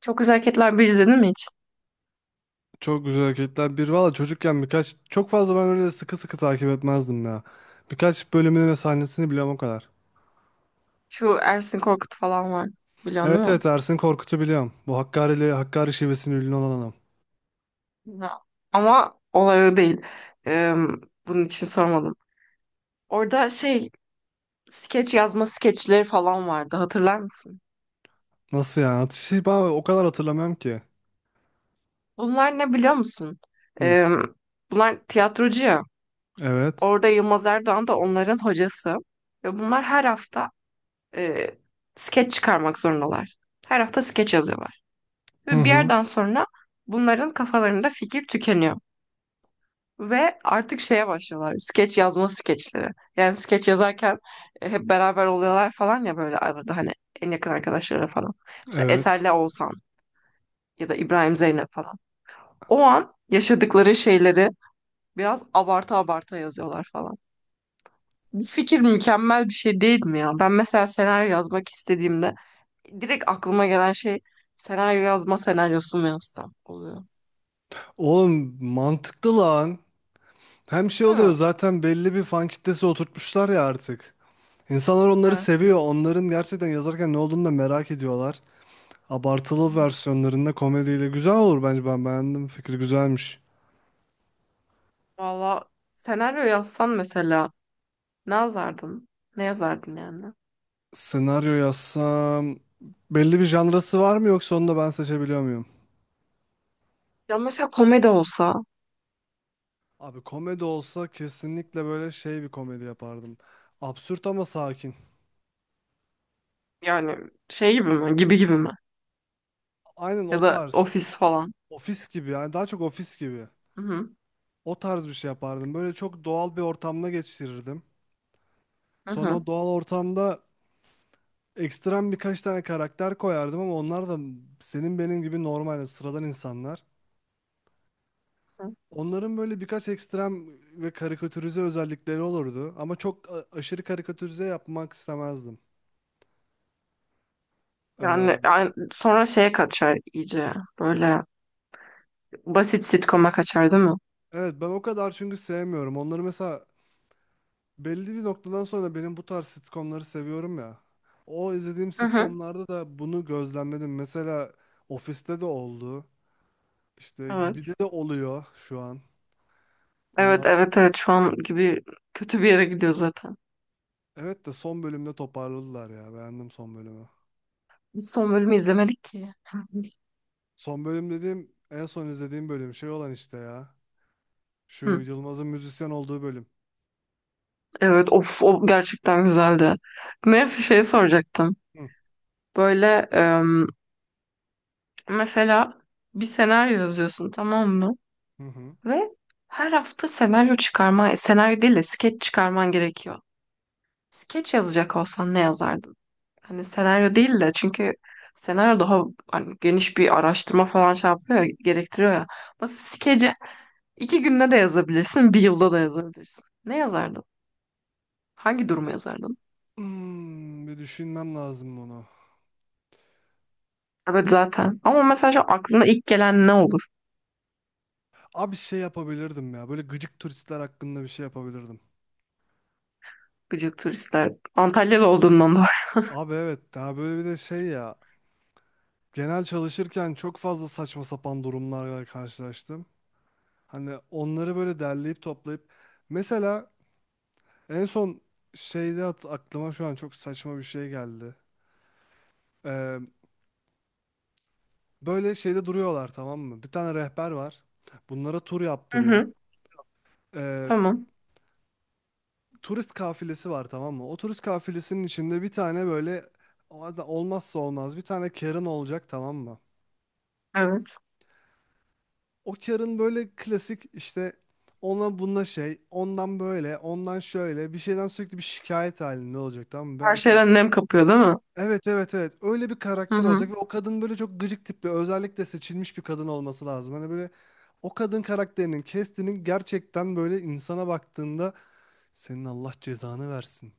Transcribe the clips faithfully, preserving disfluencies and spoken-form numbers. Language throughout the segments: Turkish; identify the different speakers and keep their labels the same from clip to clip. Speaker 1: Çok Güzel Hareketler bir izledin mi hiç?
Speaker 2: Çok güzel hareketler. Bir valla çocukken birkaç çok fazla ben öyle sıkı sıkı takip etmezdim ya. Birkaç bölümünü ve sahnesini biliyorum o kadar.
Speaker 1: Şu Ersin Korkut falan var. Biliyorsun değil
Speaker 2: Evet,
Speaker 1: mi?
Speaker 2: evet, Ersin Korkut'u biliyorum. Bu Hakkari'li Hakkari şivesinin ünlü olan adam.
Speaker 1: Ya. Ama olay o değil. Ee, Bunun için sormadım. Orada şey skeç yazma skeçleri falan vardı. Hatırlar mısın?
Speaker 2: Nasıl yani? Atışı ben o kadar hatırlamıyorum ki.
Speaker 1: Bunlar ne biliyor musun?
Speaker 2: Hı.
Speaker 1: Ee, Bunlar tiyatrocu ya.
Speaker 2: Evet.
Speaker 1: Orada Yılmaz Erdoğan da onların hocası. Ve bunlar her hafta e, skeç çıkarmak zorundalar. Her hafta skeç yazıyorlar.
Speaker 2: Hı
Speaker 1: Ve bir
Speaker 2: hı.
Speaker 1: yerden sonra bunların kafalarında fikir tükeniyor. Ve artık şeye başlıyorlar. Skeç yazma skeçleri. Yani skeç yazarken e, hep beraber oluyorlar falan ya, böyle arada hani en yakın arkadaşları falan. Mesela
Speaker 2: Evet.
Speaker 1: Eser'le Oğuzhan, ya da İbrahim Zeynep falan. O an yaşadıkları şeyleri biraz abarta abarta yazıyorlar falan. Bu fikir mükemmel bir şey değil mi ya? Ben mesela senaryo yazmak istediğimde direkt aklıma gelen şey, senaryo yazma senaryosu mu yazsam oluyor.
Speaker 2: Oğlum mantıklı lan. Hem şey oluyor
Speaker 1: Hı.
Speaker 2: zaten belli bir fan kitlesi oturtmuşlar ya artık. İnsanlar onları
Speaker 1: Evet.
Speaker 2: seviyor. Onların gerçekten yazarken ne olduğunu da merak ediyorlar.
Speaker 1: Hı
Speaker 2: Abartılı
Speaker 1: hı.
Speaker 2: versiyonlarında komediyle güzel olur bence ben beğendim. Fikri güzelmiş.
Speaker 1: Valla, senaryo yazsan mesela, ne yazardın? Ne yazardın yani?
Speaker 2: Senaryo yazsam belli bir janrası var mı yoksa onu da ben seçebiliyor muyum?
Speaker 1: Ya mesela komedi olsa,
Speaker 2: Abi komedi olsa kesinlikle böyle şey bir komedi yapardım. Absürt ama sakin.
Speaker 1: yani şey gibi mi? Gibi gibi mi?
Speaker 2: Aynen
Speaker 1: Ya
Speaker 2: o
Speaker 1: da
Speaker 2: tarz.
Speaker 1: ofis falan.
Speaker 2: Ofis gibi yani daha çok ofis gibi.
Speaker 1: Hı hı.
Speaker 2: O tarz bir şey yapardım. Böyle çok doğal bir ortamda geçirirdim.
Speaker 1: Hı
Speaker 2: Sonra o
Speaker 1: hı.
Speaker 2: doğal ortamda ekstrem birkaç tane karakter koyardım ama onlar da senin benim gibi normal yani sıradan insanlar.
Speaker 1: Hı.
Speaker 2: Onların böyle birkaç ekstrem ve karikatürize özellikleri olurdu ama çok a- aşırı karikatürize yapmak istemezdim. Ee,
Speaker 1: Yani, yani sonra şeye kaçar iyice. Böyle basit sitcom'a kaçar değil mi?
Speaker 2: evet ben o kadar çünkü sevmiyorum. Onları mesela belli bir noktadan sonra benim bu tarz sitcomları seviyorum ya. O izlediğim
Speaker 1: Hı hı.
Speaker 2: sitcomlarda da bunu gözlemledim. Mesela Office'te de oldu. İşte
Speaker 1: Evet.
Speaker 2: Gibi'de de oluyor şu an.
Speaker 1: Evet,
Speaker 2: Ondan sonra.
Speaker 1: evet, evet, şu an Gibi kötü bir yere gidiyor zaten.
Speaker 2: Evet de son bölümde toparladılar ya. Beğendim son bölümü.
Speaker 1: Biz son bölümü izlemedik ki. Hı. Hı.
Speaker 2: Son bölüm dediğim en son izlediğim bölüm şey olan işte ya. Şu
Speaker 1: Hı.
Speaker 2: Yılmaz'ın müzisyen olduğu bölüm.
Speaker 1: Evet, of, o gerçekten güzeldi. Neyse şey soracaktım.
Speaker 2: Hı
Speaker 1: Böyle em, mesela bir senaryo yazıyorsun, tamam mı?
Speaker 2: hı. Hı.
Speaker 1: Ve her hafta senaryo çıkarma, senaryo değil de skeç çıkarman gerekiyor. Skeç yazacak olsan ne yazardın? Hani senaryo değil, de çünkü senaryo daha hani geniş bir araştırma falan şey yapıyor ya, gerektiriyor ya. Mesela skece iki günde de yazabilirsin, bir yılda da yazabilirsin. Ne yazardın? Hangi durumu yazardın?
Speaker 2: Hmm, bir düşünmem lazım bunu.
Speaker 1: Evet zaten. Ama mesela şu aklına ilk gelen ne olur?
Speaker 2: Abi şey yapabilirdim ya. Böyle gıcık turistler hakkında bir şey yapabilirdim.
Speaker 1: Gıcık turistler. Antalyalı olduğundan dolayı.
Speaker 2: Abi evet daha böyle bir de şey ya. Genel çalışırken çok fazla saçma sapan durumlarla karşılaştım. Hani onları böyle derleyip toplayıp. Mesela en son şeyde at- aklıma şu an çok saçma bir şey geldi. Ee, böyle şeyde duruyorlar tamam mı? Bir tane rehber var. Bunlara tur
Speaker 1: Hı
Speaker 2: yaptırıyor.
Speaker 1: hı. Tamam.
Speaker 2: Turist kafilesi var tamam mı? O turist kafilesinin içinde bir tane böyle o ada- olmazsa olmaz bir tane Karen olacak tamam mı?
Speaker 1: Evet.
Speaker 2: O Karen böyle klasik işte ona bununla şey, ondan böyle, ondan şöyle bir şeyden sürekli bir şikayet halinde olacak tamam mı? Ben
Speaker 1: Her
Speaker 2: işte.
Speaker 1: şeyden nem kapıyor değil mi?
Speaker 2: Evet, evet, evet. Öyle bir
Speaker 1: Hı
Speaker 2: karakter olacak
Speaker 1: hı.
Speaker 2: ve o kadın böyle çok gıcık tipli, özellikle seçilmiş bir kadın olması lazım. Hani böyle o kadın karakterinin, Kestinin gerçekten böyle insana baktığında senin Allah cezanı versin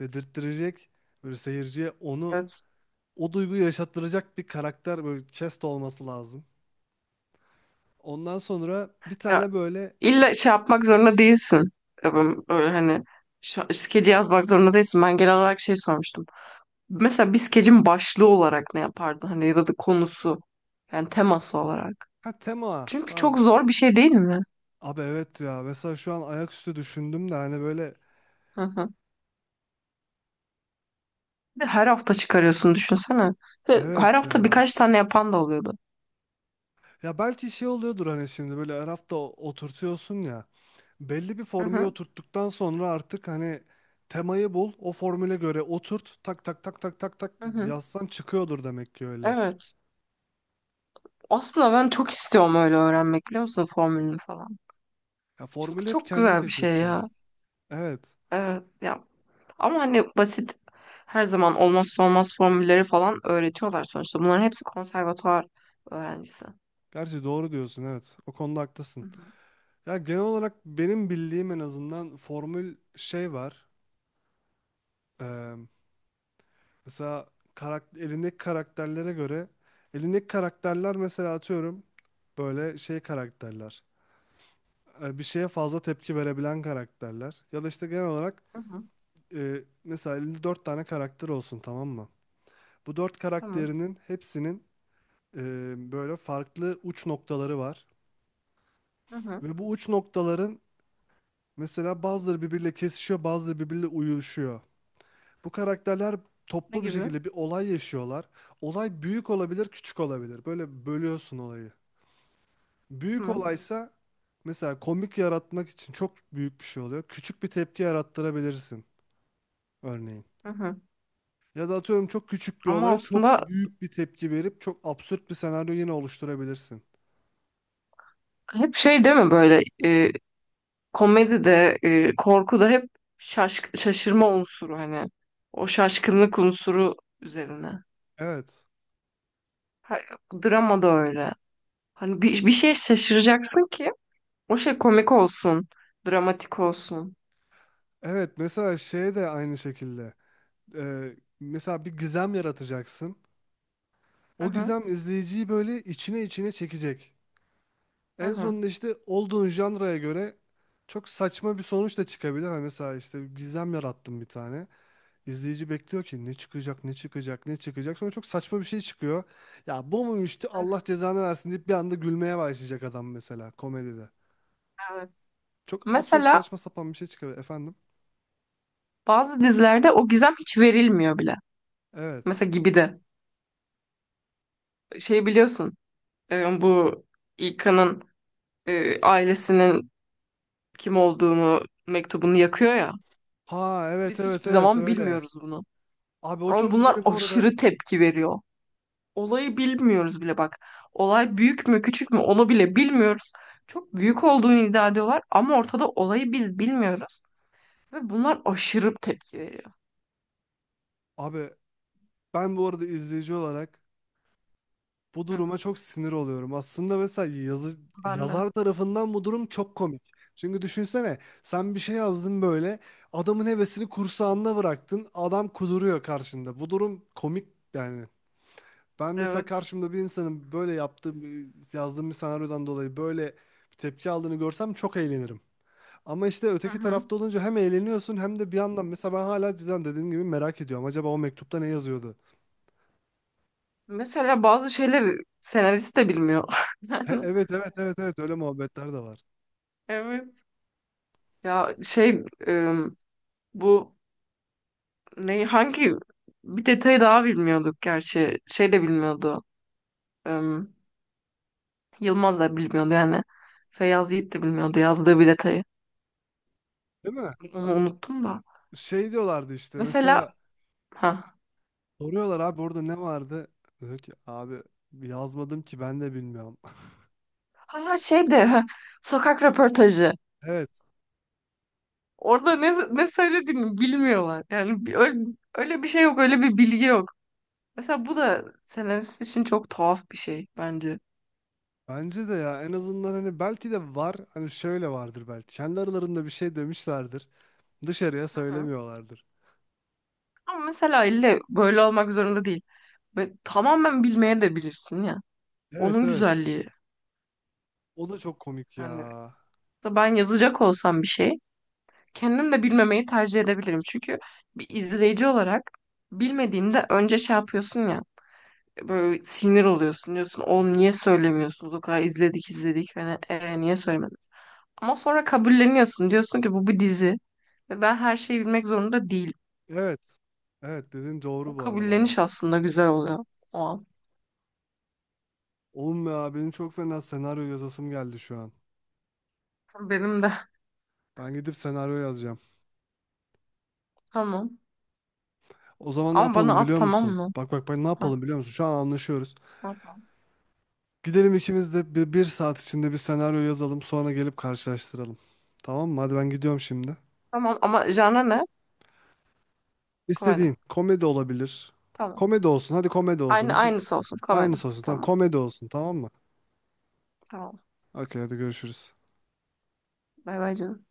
Speaker 2: dedirttirecek böyle seyirciye onu
Speaker 1: Evet.
Speaker 2: o duyguyu yaşattıracak bir karakter böyle Kest olması lazım. Ondan sonra bir
Speaker 1: Ya,
Speaker 2: tane böyle.
Speaker 1: İlla şey yapmak zorunda değilsin. Tabii, öyle hani şu, skeci yazmak zorunda değilsin. Ben genel olarak şey sormuştum. Mesela bir skecin başlığı olarak ne yapardın? Hani ya da da konusu. Yani teması olarak.
Speaker 2: Ha, tema,
Speaker 1: Çünkü
Speaker 2: tamam.
Speaker 1: çok zor bir şey değil mi?
Speaker 2: Abi evet ya, mesela şu an ayaküstü düşündüm de hani böyle.
Speaker 1: Hı hı. Bir de her hafta çıkarıyorsun, düşünsene. Ve her
Speaker 2: Evet
Speaker 1: hafta
Speaker 2: ya.
Speaker 1: birkaç tane yapan da oluyordu.
Speaker 2: Ya belki şey oluyordur hani şimdi böyle her hafta o- oturtuyorsun ya. Belli bir
Speaker 1: Hı
Speaker 2: formülü
Speaker 1: hı,
Speaker 2: oturttuktan sonra artık hani temayı bul, o formüle göre oturt, tak tak tak tak tak tak
Speaker 1: hı hı.
Speaker 2: yazsan çıkıyordur demek ki öyle.
Speaker 1: Evet. Aslında ben çok istiyorum öyle öğrenmek, biliyor musun, formülünü falan.
Speaker 2: Ya
Speaker 1: Çünkü
Speaker 2: formülü hep
Speaker 1: çok
Speaker 2: kendin
Speaker 1: güzel bir şey
Speaker 2: keşfedeceksin.
Speaker 1: ya.
Speaker 2: Evet.
Speaker 1: Evet. Ya, ama hani basit, her zaman olmazsa olmaz formülleri falan öğretiyorlar sonuçta. Bunların hepsi konservatuvar öğrencisi.
Speaker 2: Gerçi doğru diyorsun evet. O konuda
Speaker 1: Hı
Speaker 2: haklısın.
Speaker 1: hı.
Speaker 2: Ya genel olarak benim bildiğim en azından formül şey var. Eee, mesela karak- elindeki karakterlere göre elindeki karakterler mesela atıyorum böyle şey karakterler. e, bir şeye fazla tepki verebilen karakterler. Ya da işte genel olarak
Speaker 1: Hı hı.
Speaker 2: e, mesela elinde dört tane karakter olsun tamam mı? Bu dört
Speaker 1: Tamam.
Speaker 2: karakterinin hepsinin e, böyle farklı uç noktaları var.
Speaker 1: Hı hı.
Speaker 2: Ve bu uç noktaların mesela bazıları birbiriyle kesişiyor, bazıları birbiriyle uyuşuyor. Bu karakterler
Speaker 1: Ne
Speaker 2: toplu bir
Speaker 1: gibi?
Speaker 2: şekilde bir olay yaşıyorlar. Olay büyük olabilir, küçük olabilir. Böyle bölüyorsun olayı. Büyük
Speaker 1: Tamam.
Speaker 2: olaysa mesela komik yaratmak için çok büyük bir şey oluyor. Küçük bir tepki yarattırabilirsin örneğin.
Speaker 1: Hı hı.
Speaker 2: Ya da atıyorum çok küçük bir
Speaker 1: Ama
Speaker 2: olaya çok
Speaker 1: aslında
Speaker 2: büyük bir tepki verip çok absürt bir senaryo yine oluşturabilirsin.
Speaker 1: hep şey değil mi, böyle e, komedi de e, korku da hep şaşk şaşırma unsuru, hani o şaşkınlık unsuru üzerine.
Speaker 2: Evet.
Speaker 1: Ha, drama da öyle. Hani bir, bir şeye şaşıracaksın ki o şey komik olsun, dramatik olsun.
Speaker 2: Evet mesela şey de aynı şekilde. Ee, mesela bir gizem yaratacaksın.
Speaker 1: Hı
Speaker 2: O
Speaker 1: hı.
Speaker 2: gizem izleyiciyi böyle içine içine çekecek.
Speaker 1: Hı
Speaker 2: En
Speaker 1: hı.
Speaker 2: sonunda işte olduğun janraya göre çok saçma bir sonuç da çıkabilir. Hani mesela işte gizem yarattım bir tane. İzleyici bekliyor ki ne çıkacak, ne çıkacak, ne çıkacak. Sonra çok saçma bir şey çıkıyor. Ya bu muymuş Allah cezanı versin deyip bir anda gülmeye başlayacak adam mesela komedide.
Speaker 1: Evet.
Speaker 2: Çok absürt
Speaker 1: Mesela
Speaker 2: saçma sapan bir şey çıkıyor efendim.
Speaker 1: bazı dizilerde o gizem hiç verilmiyor bile.
Speaker 2: Evet.
Speaker 1: Mesela Gibi de. Şey, biliyorsun, e, bu İlkan'ın e, ailesinin kim olduğunu, mektubunu yakıyor ya.
Speaker 2: Ha, evet,
Speaker 1: Biz
Speaker 2: evet,
Speaker 1: hiçbir
Speaker 2: evet,
Speaker 1: zaman
Speaker 2: öyle.
Speaker 1: bilmiyoruz bunu.
Speaker 2: Abi o
Speaker 1: Ama
Speaker 2: çok
Speaker 1: bunlar
Speaker 2: beni bu arada,
Speaker 1: aşırı tepki veriyor. Olayı bilmiyoruz bile, bak. Olay büyük mü küçük mü, onu bile bilmiyoruz. Çok büyük olduğunu iddia ediyorlar ama ortada, olayı biz bilmiyoruz. Ve bunlar aşırı tepki veriyor.
Speaker 2: abi ben bu arada izleyici olarak bu
Speaker 1: Hı.
Speaker 2: duruma çok sinir oluyorum. Aslında mesela yazı,
Speaker 1: Ben de.
Speaker 2: yazar tarafından bu durum çok komik. Çünkü düşünsene sen bir şey yazdın böyle adamın hevesini kursağında bıraktın adam kuduruyor karşında. Bu durum komik yani. Ben mesela
Speaker 1: Evet.
Speaker 2: karşımda bir insanın böyle yaptığım yazdığım bir senaryodan dolayı böyle bir tepki aldığını görsem çok eğlenirim. Ama işte
Speaker 1: Hı
Speaker 2: öteki
Speaker 1: hı.
Speaker 2: tarafta olunca hem eğleniyorsun hem de bir yandan mesela ben hala cidden dediğim gibi merak ediyorum. Acaba o mektupta ne yazıyordu?
Speaker 1: Mesela bazı şeyleri senarist de bilmiyor.
Speaker 2: E-
Speaker 1: Yani,
Speaker 2: evet evet, evet, evet, öyle muhabbetler de var.
Speaker 1: evet. Ya şey, e, bu ne, hangi, bir detayı daha bilmiyorduk gerçi. Şey de bilmiyordu. E, Yılmaz da bilmiyordu yani. Feyyaz Yiğit de bilmiyordu yazdığı bir detayı.
Speaker 2: Değil mi?
Speaker 1: Onu unuttum da.
Speaker 2: Şey diyorlardı işte
Speaker 1: Mesela
Speaker 2: mesela
Speaker 1: ha
Speaker 2: soruyorlar abi orada ne vardı? Diyor ki abi yazmadım ki ben de bilmiyorum.
Speaker 1: ha ha, şey de, ha, sokak röportajı.
Speaker 2: Evet
Speaker 1: Orada ne ne söylediğini bilmiyorlar. Yani bir- öyle, öyle bir şey yok, öyle bir bilgi yok. Mesela bu da senarist için çok tuhaf bir şey bence.
Speaker 2: bence de ya en azından hani belki de var hani şöyle vardır belki kendi aralarında bir şey demişlerdir dışarıya söylemiyorlardır.
Speaker 1: Ama mesela ille böyle olmak zorunda değil. Ve tamamen bilmeye de bilirsin ya.
Speaker 2: Evet,
Speaker 1: Onun
Speaker 2: evet,
Speaker 1: güzelliği.
Speaker 2: o da çok komik ya.
Speaker 1: Yani, da ben yazacak olsam bir şey, kendim de bilmemeyi tercih edebilirim. Çünkü bir izleyici olarak bilmediğinde önce şey yapıyorsun ya, böyle sinir oluyorsun, diyorsun: "Oğlum, niye söylemiyorsunuz? O kadar izledik izledik. Hani, Ee, niye söylemedin?" Ama sonra kabulleniyorsun. Diyorsun ki bu bir dizi. Ve ben her şeyi bilmek zorunda değilim.
Speaker 2: Evet, evet, dediğin doğru
Speaker 1: O
Speaker 2: bu arada baya.
Speaker 1: kabulleniş aslında güzel oluyor. O an.
Speaker 2: Oğlum ya benim çok fena senaryo yazasım geldi şu an.
Speaker 1: Benim de.
Speaker 2: Ben gidip senaryo yazacağım.
Speaker 1: Tamam.
Speaker 2: O zaman ne
Speaker 1: Ama bana
Speaker 2: yapalım
Speaker 1: at,
Speaker 2: biliyor
Speaker 1: tamam
Speaker 2: musun?
Speaker 1: mı?
Speaker 2: Bak bak bak ne yapalım
Speaker 1: Ha,
Speaker 2: biliyor musun? Şu an anlaşıyoruz.
Speaker 1: ha.
Speaker 2: Gidelim işimizde bir, bir saat içinde bir senaryo yazalım sonra gelip karşılaştıralım. Tamam mı? Hadi ben gidiyorum şimdi.
Speaker 1: Tamam, ama genre ne? Komedi.
Speaker 2: İstediğin komedi olabilir.
Speaker 1: Tamam.
Speaker 2: Komedi olsun. Hadi komedi
Speaker 1: Aynı
Speaker 2: olsun. Bir,
Speaker 1: aynısı olsun komedi.
Speaker 2: aynısı olsun. Tamam
Speaker 1: Tamam.
Speaker 2: komedi olsun tamam mı?
Speaker 1: Tamam.
Speaker 2: Okey hadi görüşürüz.
Speaker 1: Bay bay canım.